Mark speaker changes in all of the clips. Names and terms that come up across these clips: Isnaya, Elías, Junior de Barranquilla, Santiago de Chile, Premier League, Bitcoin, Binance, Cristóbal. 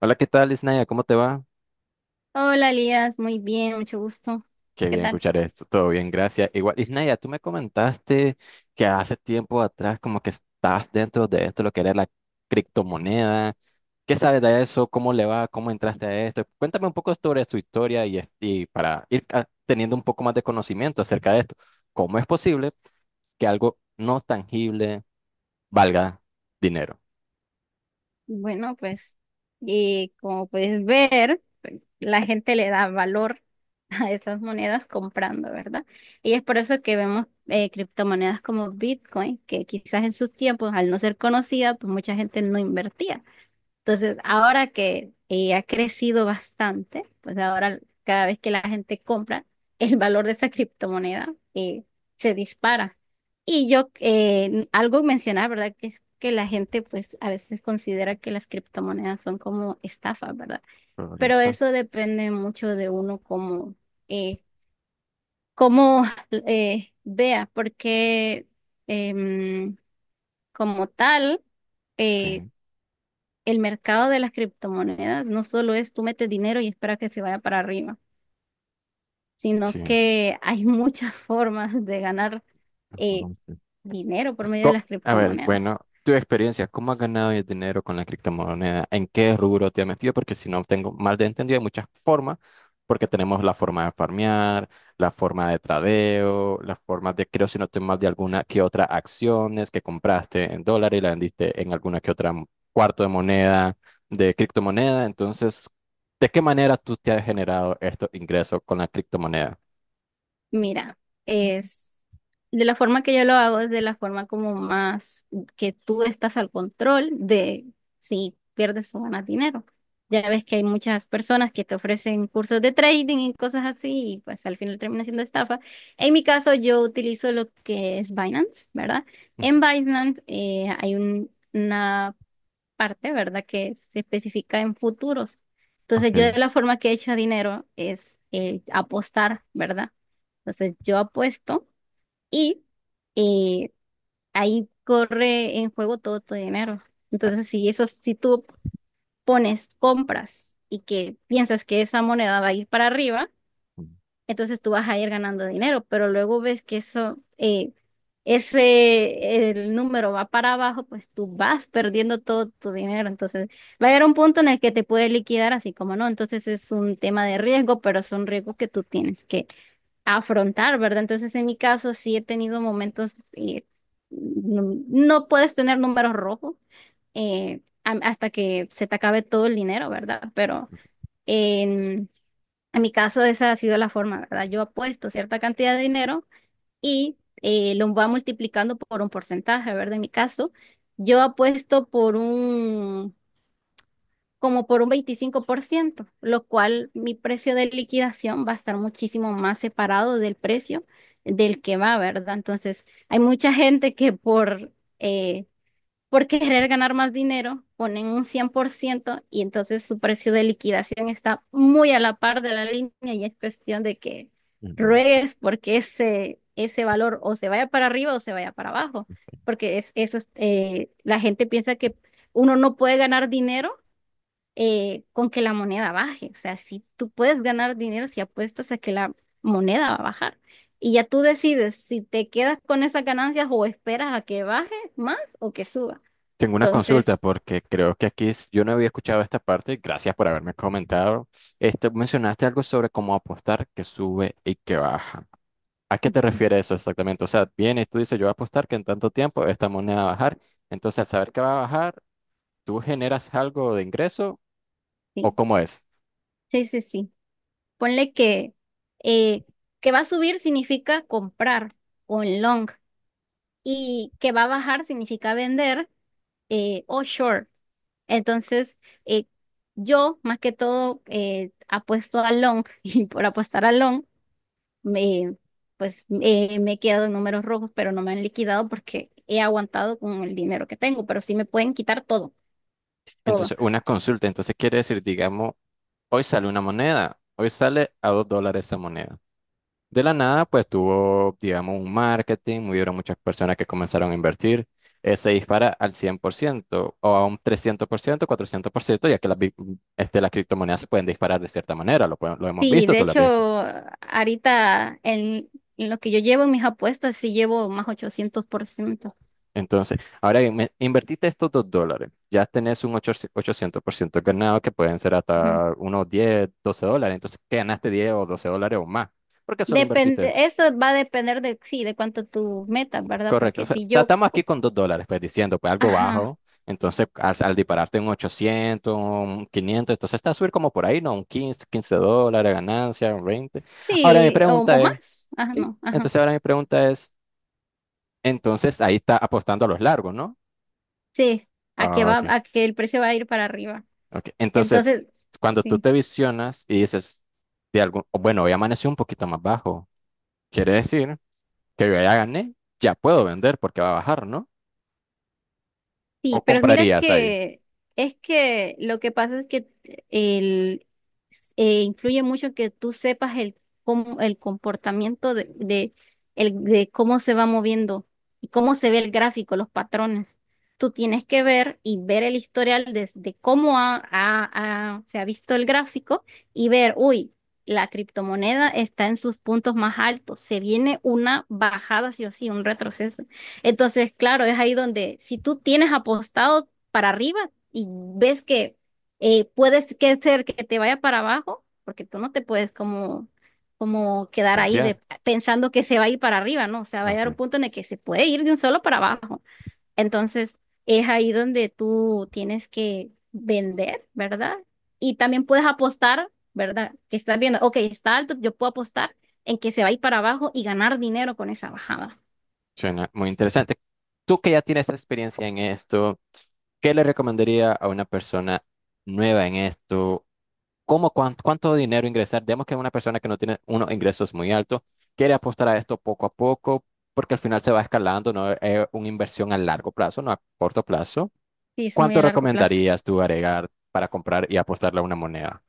Speaker 1: Hola, ¿qué tal, Isnaya? ¿Cómo te va?
Speaker 2: Hola, Elías, muy bien, mucho gusto.
Speaker 1: Qué
Speaker 2: ¿Qué
Speaker 1: bien
Speaker 2: tal?
Speaker 1: escuchar esto. Todo bien, gracias. Igual, Isnaya, tú me comentaste que hace tiempo atrás como que estás dentro de esto, lo que era la criptomoneda. ¿Qué sabes de eso? ¿Cómo le va? ¿Cómo entraste a esto? Cuéntame un poco sobre tu historia y, para ir teniendo un poco más de conocimiento acerca de esto. ¿Cómo es posible que algo no tangible valga dinero?
Speaker 2: Bueno, pues, y como puedes ver, pues, la gente le da valor a esas monedas comprando, ¿verdad? Y es por eso que vemos criptomonedas como Bitcoin, que quizás en sus tiempos, al no ser conocida, pues mucha gente no invertía. Entonces, ahora que ha crecido bastante, pues ahora cada vez que la gente compra, el valor de esa criptomoneda se dispara. Y yo, algo mencionar, ¿verdad? Que es que la gente, pues a veces considera que las criptomonedas son como estafas, ¿verdad? Pero
Speaker 1: Correcto.
Speaker 2: eso depende mucho de uno como, eh, cómo vea, porque em, como tal, eh,
Speaker 1: Sí,
Speaker 2: el mercado de las criptomonedas no solo es tú metes dinero y esperas que se vaya para arriba, sino
Speaker 1: sí.
Speaker 2: que hay muchas formas de ganar eh, dinero por medio de las
Speaker 1: A ver,
Speaker 2: criptomonedas.
Speaker 1: bueno, tu experiencia, ¿cómo has ganado el dinero con la criptomoneda? ¿En qué rubro te has metido? Porque si no tengo mal de entendido, hay muchas formas, porque tenemos la forma de farmear, la forma de tradeo, la forma de, creo si no estoy mal, de alguna que otra acciones que compraste en dólar y la vendiste en alguna que otra cuarto de moneda, de criptomoneda. Entonces, ¿de qué manera tú te has generado estos ingresos con la criptomoneda?
Speaker 2: Mira, es de la forma que yo lo hago, es de la forma como más que tú estás al control de si pierdes o ganas dinero. Ya ves que hay muchas personas que te ofrecen cursos de trading y cosas así, y pues al final termina siendo estafa. En mi caso, yo utilizo lo que es Binance, ¿verdad?
Speaker 1: Ujú.
Speaker 2: En Binance hay una parte, ¿verdad? Que se especifica en futuros. Entonces, yo
Speaker 1: Ok.
Speaker 2: de la forma que he hecho dinero es apostar, ¿verdad? Entonces, yo apuesto y eh, ahí corre en juego todo tu dinero. Entonces, si eso, si tú pones compras y que piensas que esa moneda va a ir para arriba,
Speaker 1: Mm,
Speaker 2: entonces tú vas a ir ganando dinero, pero luego ves que eso, ese, el número va para abajo, pues tú vas perdiendo todo tu dinero, entonces va a llegar un punto en el que te puede liquidar, así como no, entonces es un tema de riesgo, pero son riesgos que tú tienes que afrontar, ¿verdad? Entonces en mi caso sí he tenido momentos, no, no puedes tener números rojos hasta que se te acabe todo el dinero, ¿verdad? Pero en mi caso, esa ha sido la forma, ¿verdad? Yo apuesto cierta cantidad de dinero y lo va multiplicando por un porcentaje, ¿verdad? En mi caso, yo apuesto por un, como por un 25%, lo cual mi precio de liquidación va a estar muchísimo más separado del precio del que va, ¿verdad? Entonces, hay mucha gente que eh, por querer ganar más dinero, ponen un 100% y entonces su precio de liquidación está muy a la par de la línea y es cuestión de que
Speaker 1: mm.
Speaker 2: ruegues porque ese valor o se vaya para arriba o se vaya para abajo, porque es, eso es, la gente piensa que uno no puede ganar dinero con que la moneda baje, o sea, si tú puedes ganar dinero si apuestas a que la moneda va a bajar. Y ya tú decides si te quedas con esas ganancias o esperas a que baje más o que suba.
Speaker 1: Tengo una consulta
Speaker 2: Entonces,
Speaker 1: porque creo que yo no había escuchado esta parte. Gracias por haberme comentado. Este, mencionaste algo sobre cómo apostar que sube y que baja. ¿A qué te
Speaker 2: ujú,
Speaker 1: refieres eso exactamente? O sea, vienes, tú dices, yo voy a apostar que en tanto tiempo esta moneda va a bajar. Entonces, al saber que va a bajar, ¿tú generas algo de ingreso o
Speaker 2: sí,
Speaker 1: cómo es?
Speaker 2: sí, sí, sí. Ponle eh, que va a subir significa comprar o en long y que va a bajar significa vender o short. Entonces, eh, yo más que todo apuesto a long y por apostar a long, me, pues me he quedado en números rojos, pero no me han liquidado porque he aguantado con el dinero que tengo, pero sí me pueden quitar todo, todo.
Speaker 1: Entonces, una consulta. Entonces, quiere decir, digamos, hoy sale una moneda, hoy sale a $2 esa moneda. De la nada, pues tuvo, digamos, un marketing, hubieron muchas personas que comenzaron a invertir. Se dispara al 100% o a un 300%, 400%, ya que las, las criptomonedas se pueden disparar de cierta manera, lo, lo hemos
Speaker 2: Sí,
Speaker 1: visto,
Speaker 2: de
Speaker 1: tú lo has
Speaker 2: hecho,
Speaker 1: visto.
Speaker 2: ahorita en lo que yo llevo en mis apuestas, sí llevo más 800%.
Speaker 1: Entonces, ahora bien, invertiste estos dos dólares, ya tenés un ochocientos por ciento ganado que pueden ser
Speaker 2: Ujú.
Speaker 1: hasta unos $10, $12, entonces que ganaste $10 o $12 o más, porque solo invertiste.
Speaker 2: Depende, eso va a depender de, sí, de cuánto tú metas, ¿verdad?
Speaker 1: Correcto. O
Speaker 2: Porque
Speaker 1: sea,
Speaker 2: si yo,
Speaker 1: estamos aquí con $2, pues diciendo, pues algo
Speaker 2: ajá,
Speaker 1: bajo. Entonces, al dispararte un 800 un 500, entonces está a subir como por ahí, ¿no? Un quince dólares, ganancia, un veinte. Ahora mi
Speaker 2: sí,
Speaker 1: pregunta
Speaker 2: o
Speaker 1: es,
Speaker 2: más, ajá,
Speaker 1: sí,
Speaker 2: no, ajá,
Speaker 1: entonces ahora mi pregunta es, entonces ahí está apostando a los largos, ¿no?
Speaker 2: sí, a que
Speaker 1: Ah,
Speaker 2: va,
Speaker 1: ok,
Speaker 2: a que el precio va a ir para arriba.
Speaker 1: ok. Entonces,
Speaker 2: Entonces,
Speaker 1: cuando tú
Speaker 2: sí.
Speaker 1: te visionas y dices, de algún, o bueno, hoy amaneció un poquito más bajo, quiere decir que yo ya gané, ya puedo vender porque va a bajar, ¿no?
Speaker 2: Sí,
Speaker 1: ¿O
Speaker 2: pero mira
Speaker 1: comprarías ahí?
Speaker 2: que es que lo que pasa es que el, influye mucho que tú sepas el, el comportamiento de, el, de cómo se va moviendo y cómo se ve el gráfico, los patrones. Tú tienes que ver y ver el historial desde cómo se ha visto el gráfico y ver, uy, la criptomoneda está en sus puntos más altos, se viene una bajada sí o sí, un retroceso. Entonces, claro, es ahí donde si tú tienes apostado para arriba y ves que puedes que ser que te vaya para abajo, porque tú no te puedes como, como quedar ahí
Speaker 1: Confiar.
Speaker 2: de, pensando que se va a ir para arriba, ¿no? O sea, va a llegar un
Speaker 1: Ok.
Speaker 2: punto en el que se puede ir de un solo para abajo. Entonces, es ahí donde tú tienes que vender, ¿verdad? Y también puedes apostar, ¿verdad? Que estás viendo, ok, está alto, yo puedo apostar en que se va a ir para abajo y ganar dinero con esa bajada.
Speaker 1: Suena muy interesante. Tú que ya tienes experiencia en esto, ¿qué le recomendaría a una persona nueva en esto? ¿Cómo, cuánto, cuánto dinero ingresar? Digamos que una persona que no tiene unos ingresos muy altos quiere apostar a esto poco a poco porque al final se va escalando, no es una inversión a largo plazo, no a corto plazo.
Speaker 2: Sí, es muy
Speaker 1: ¿Cuánto
Speaker 2: a largo plazo.
Speaker 1: recomendarías tú agregar para comprar y apostarle a una moneda?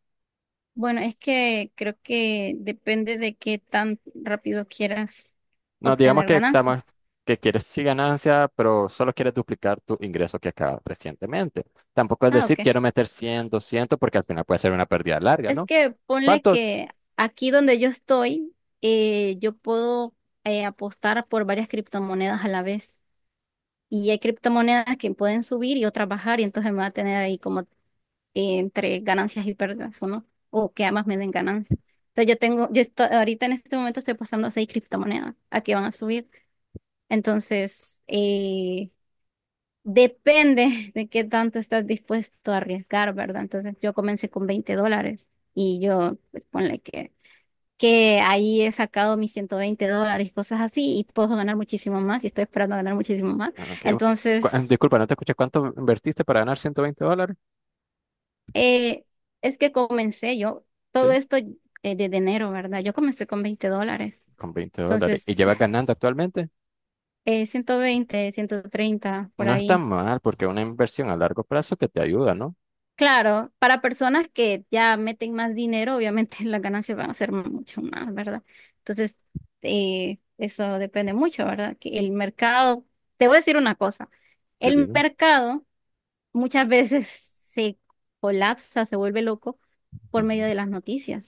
Speaker 2: Bueno, es que creo que depende de qué tan rápido quieras
Speaker 1: No, digamos
Speaker 2: obtener
Speaker 1: que
Speaker 2: ganancia.
Speaker 1: estamos, que quieres sí ganancia, pero solo quieres duplicar tu ingreso que acaba recientemente. Tampoco es
Speaker 2: Ah, ok.
Speaker 1: decir quiero meter 100 200 porque al final puede ser una pérdida larga,
Speaker 2: Es
Speaker 1: ¿no?
Speaker 2: que ponle
Speaker 1: ¿Cuánto?
Speaker 2: que aquí donde yo estoy, yo puedo apostar por varias criptomonedas a la vez. Y hay criptomonedas que pueden subir y otras bajar, y entonces me va a tener ahí como entre ganancias y pérdidas, ¿o no? O que ambas me den ganancias. Entonces yo tengo, yo estoy, ahorita en este momento estoy apostando a seis criptomonedas a que van a subir. Entonces, depende de qué tanto estás dispuesto a arriesgar, ¿verdad? Entonces yo comencé con $20 y yo, pues ponle que ahí he sacado mis $120 cosas así y puedo ganar muchísimo más y estoy esperando ganar muchísimo más.
Speaker 1: Ah, ok.
Speaker 2: Entonces,
Speaker 1: Disculpa, no te escuché. ¿Cuánto invertiste para ganar $120?
Speaker 2: eh, es que comencé yo, todo
Speaker 1: Sí,
Speaker 2: esto desde enero, ¿verdad? Yo comencé con 20 dólares.
Speaker 1: con $20. ¿Y
Speaker 2: Entonces,
Speaker 1: llevas ganando actualmente?
Speaker 2: 120, 130 por
Speaker 1: No está
Speaker 2: ahí.
Speaker 1: mal, porque es una inversión a largo plazo que te ayuda, ¿no?
Speaker 2: Claro, para personas que ya meten más dinero, obviamente las ganancias van a ser mucho más, ¿verdad? Entonces, eso depende mucho, ¿verdad? Que el mercado, te voy a decir una cosa,
Speaker 1: Sí,
Speaker 2: el
Speaker 1: dime.
Speaker 2: mercado muchas veces se colapsa, se vuelve loco por medio
Speaker 1: Ujú,
Speaker 2: de las noticias,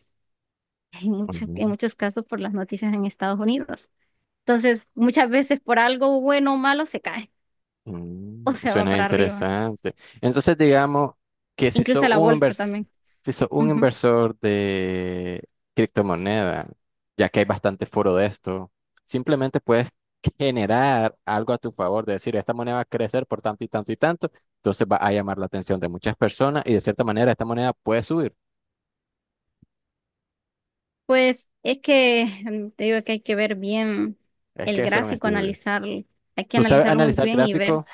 Speaker 2: en
Speaker 1: ujú.
Speaker 2: muchos casos por las noticias en Estados Unidos. Entonces, muchas veces por algo bueno o malo se cae o
Speaker 1: Mm,
Speaker 2: se va
Speaker 1: suena
Speaker 2: para arriba,
Speaker 1: interesante. Entonces, digamos que
Speaker 2: incluso la bolsa también.
Speaker 1: si sos un inversor de criptomoneda, ya que hay bastante foro de esto, simplemente puedes generar algo a tu favor, de decir, esta moneda va a crecer por tanto y tanto y tanto, entonces va a llamar la atención de muchas personas y de cierta manera esta moneda puede subir.
Speaker 2: Pues es que te digo que hay que ver bien
Speaker 1: Es que
Speaker 2: el
Speaker 1: hacer un
Speaker 2: gráfico,
Speaker 1: estudio.
Speaker 2: analizarlo, hay que
Speaker 1: ¿Tú sabes
Speaker 2: analizarlo muy
Speaker 1: analizar
Speaker 2: bien y ver.
Speaker 1: gráficos?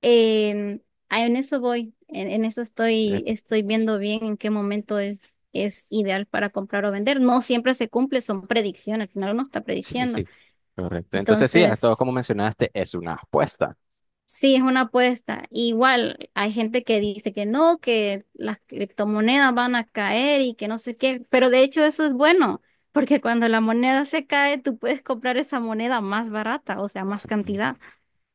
Speaker 2: En, ah, en eso voy, en eso estoy,
Speaker 1: Es-
Speaker 2: estoy viendo bien en qué momento es ideal para comprar o vender. No siempre se cumple, son predicciones, al final uno está
Speaker 1: Sí,
Speaker 2: prediciendo.
Speaker 1: sí. Correcto. Entonces, sí, a todo
Speaker 2: Entonces,
Speaker 1: como mencionaste, es una apuesta.
Speaker 2: sí, es una apuesta. Igual hay gente que dice que no, que las criptomonedas van a caer y que no sé qué, pero de hecho eso es bueno, porque cuando la moneda se cae, tú puedes comprar esa moneda más barata, o sea, más
Speaker 1: Sí.
Speaker 2: cantidad.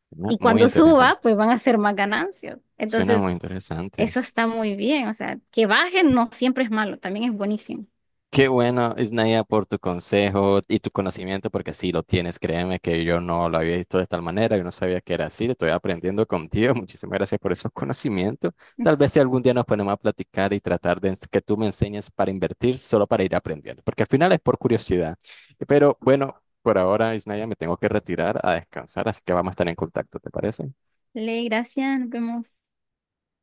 Speaker 1: Suena
Speaker 2: Y
Speaker 1: muy
Speaker 2: cuando
Speaker 1: interesante.
Speaker 2: suba, pues van a ser más ganancias.
Speaker 1: Suena
Speaker 2: Entonces,
Speaker 1: muy interesante.
Speaker 2: eso está muy bien. O sea, que bajen no siempre es malo, también es buenísimo.
Speaker 1: Qué bueno, Isnaya, por tu consejo y tu conocimiento, porque sí lo tienes. Créeme que yo no lo había visto de tal manera, yo no sabía que era así. Estoy aprendiendo contigo. Muchísimas gracias por esos conocimientos. Tal vez si algún día nos ponemos a platicar y tratar de que tú me enseñes para invertir, solo para ir aprendiendo, porque al final es por curiosidad. Pero bueno, por ahora, Isnaya, me tengo que retirar a descansar, así que vamos a estar en contacto, ¿te parece?
Speaker 2: Le, gracias, nos vemos.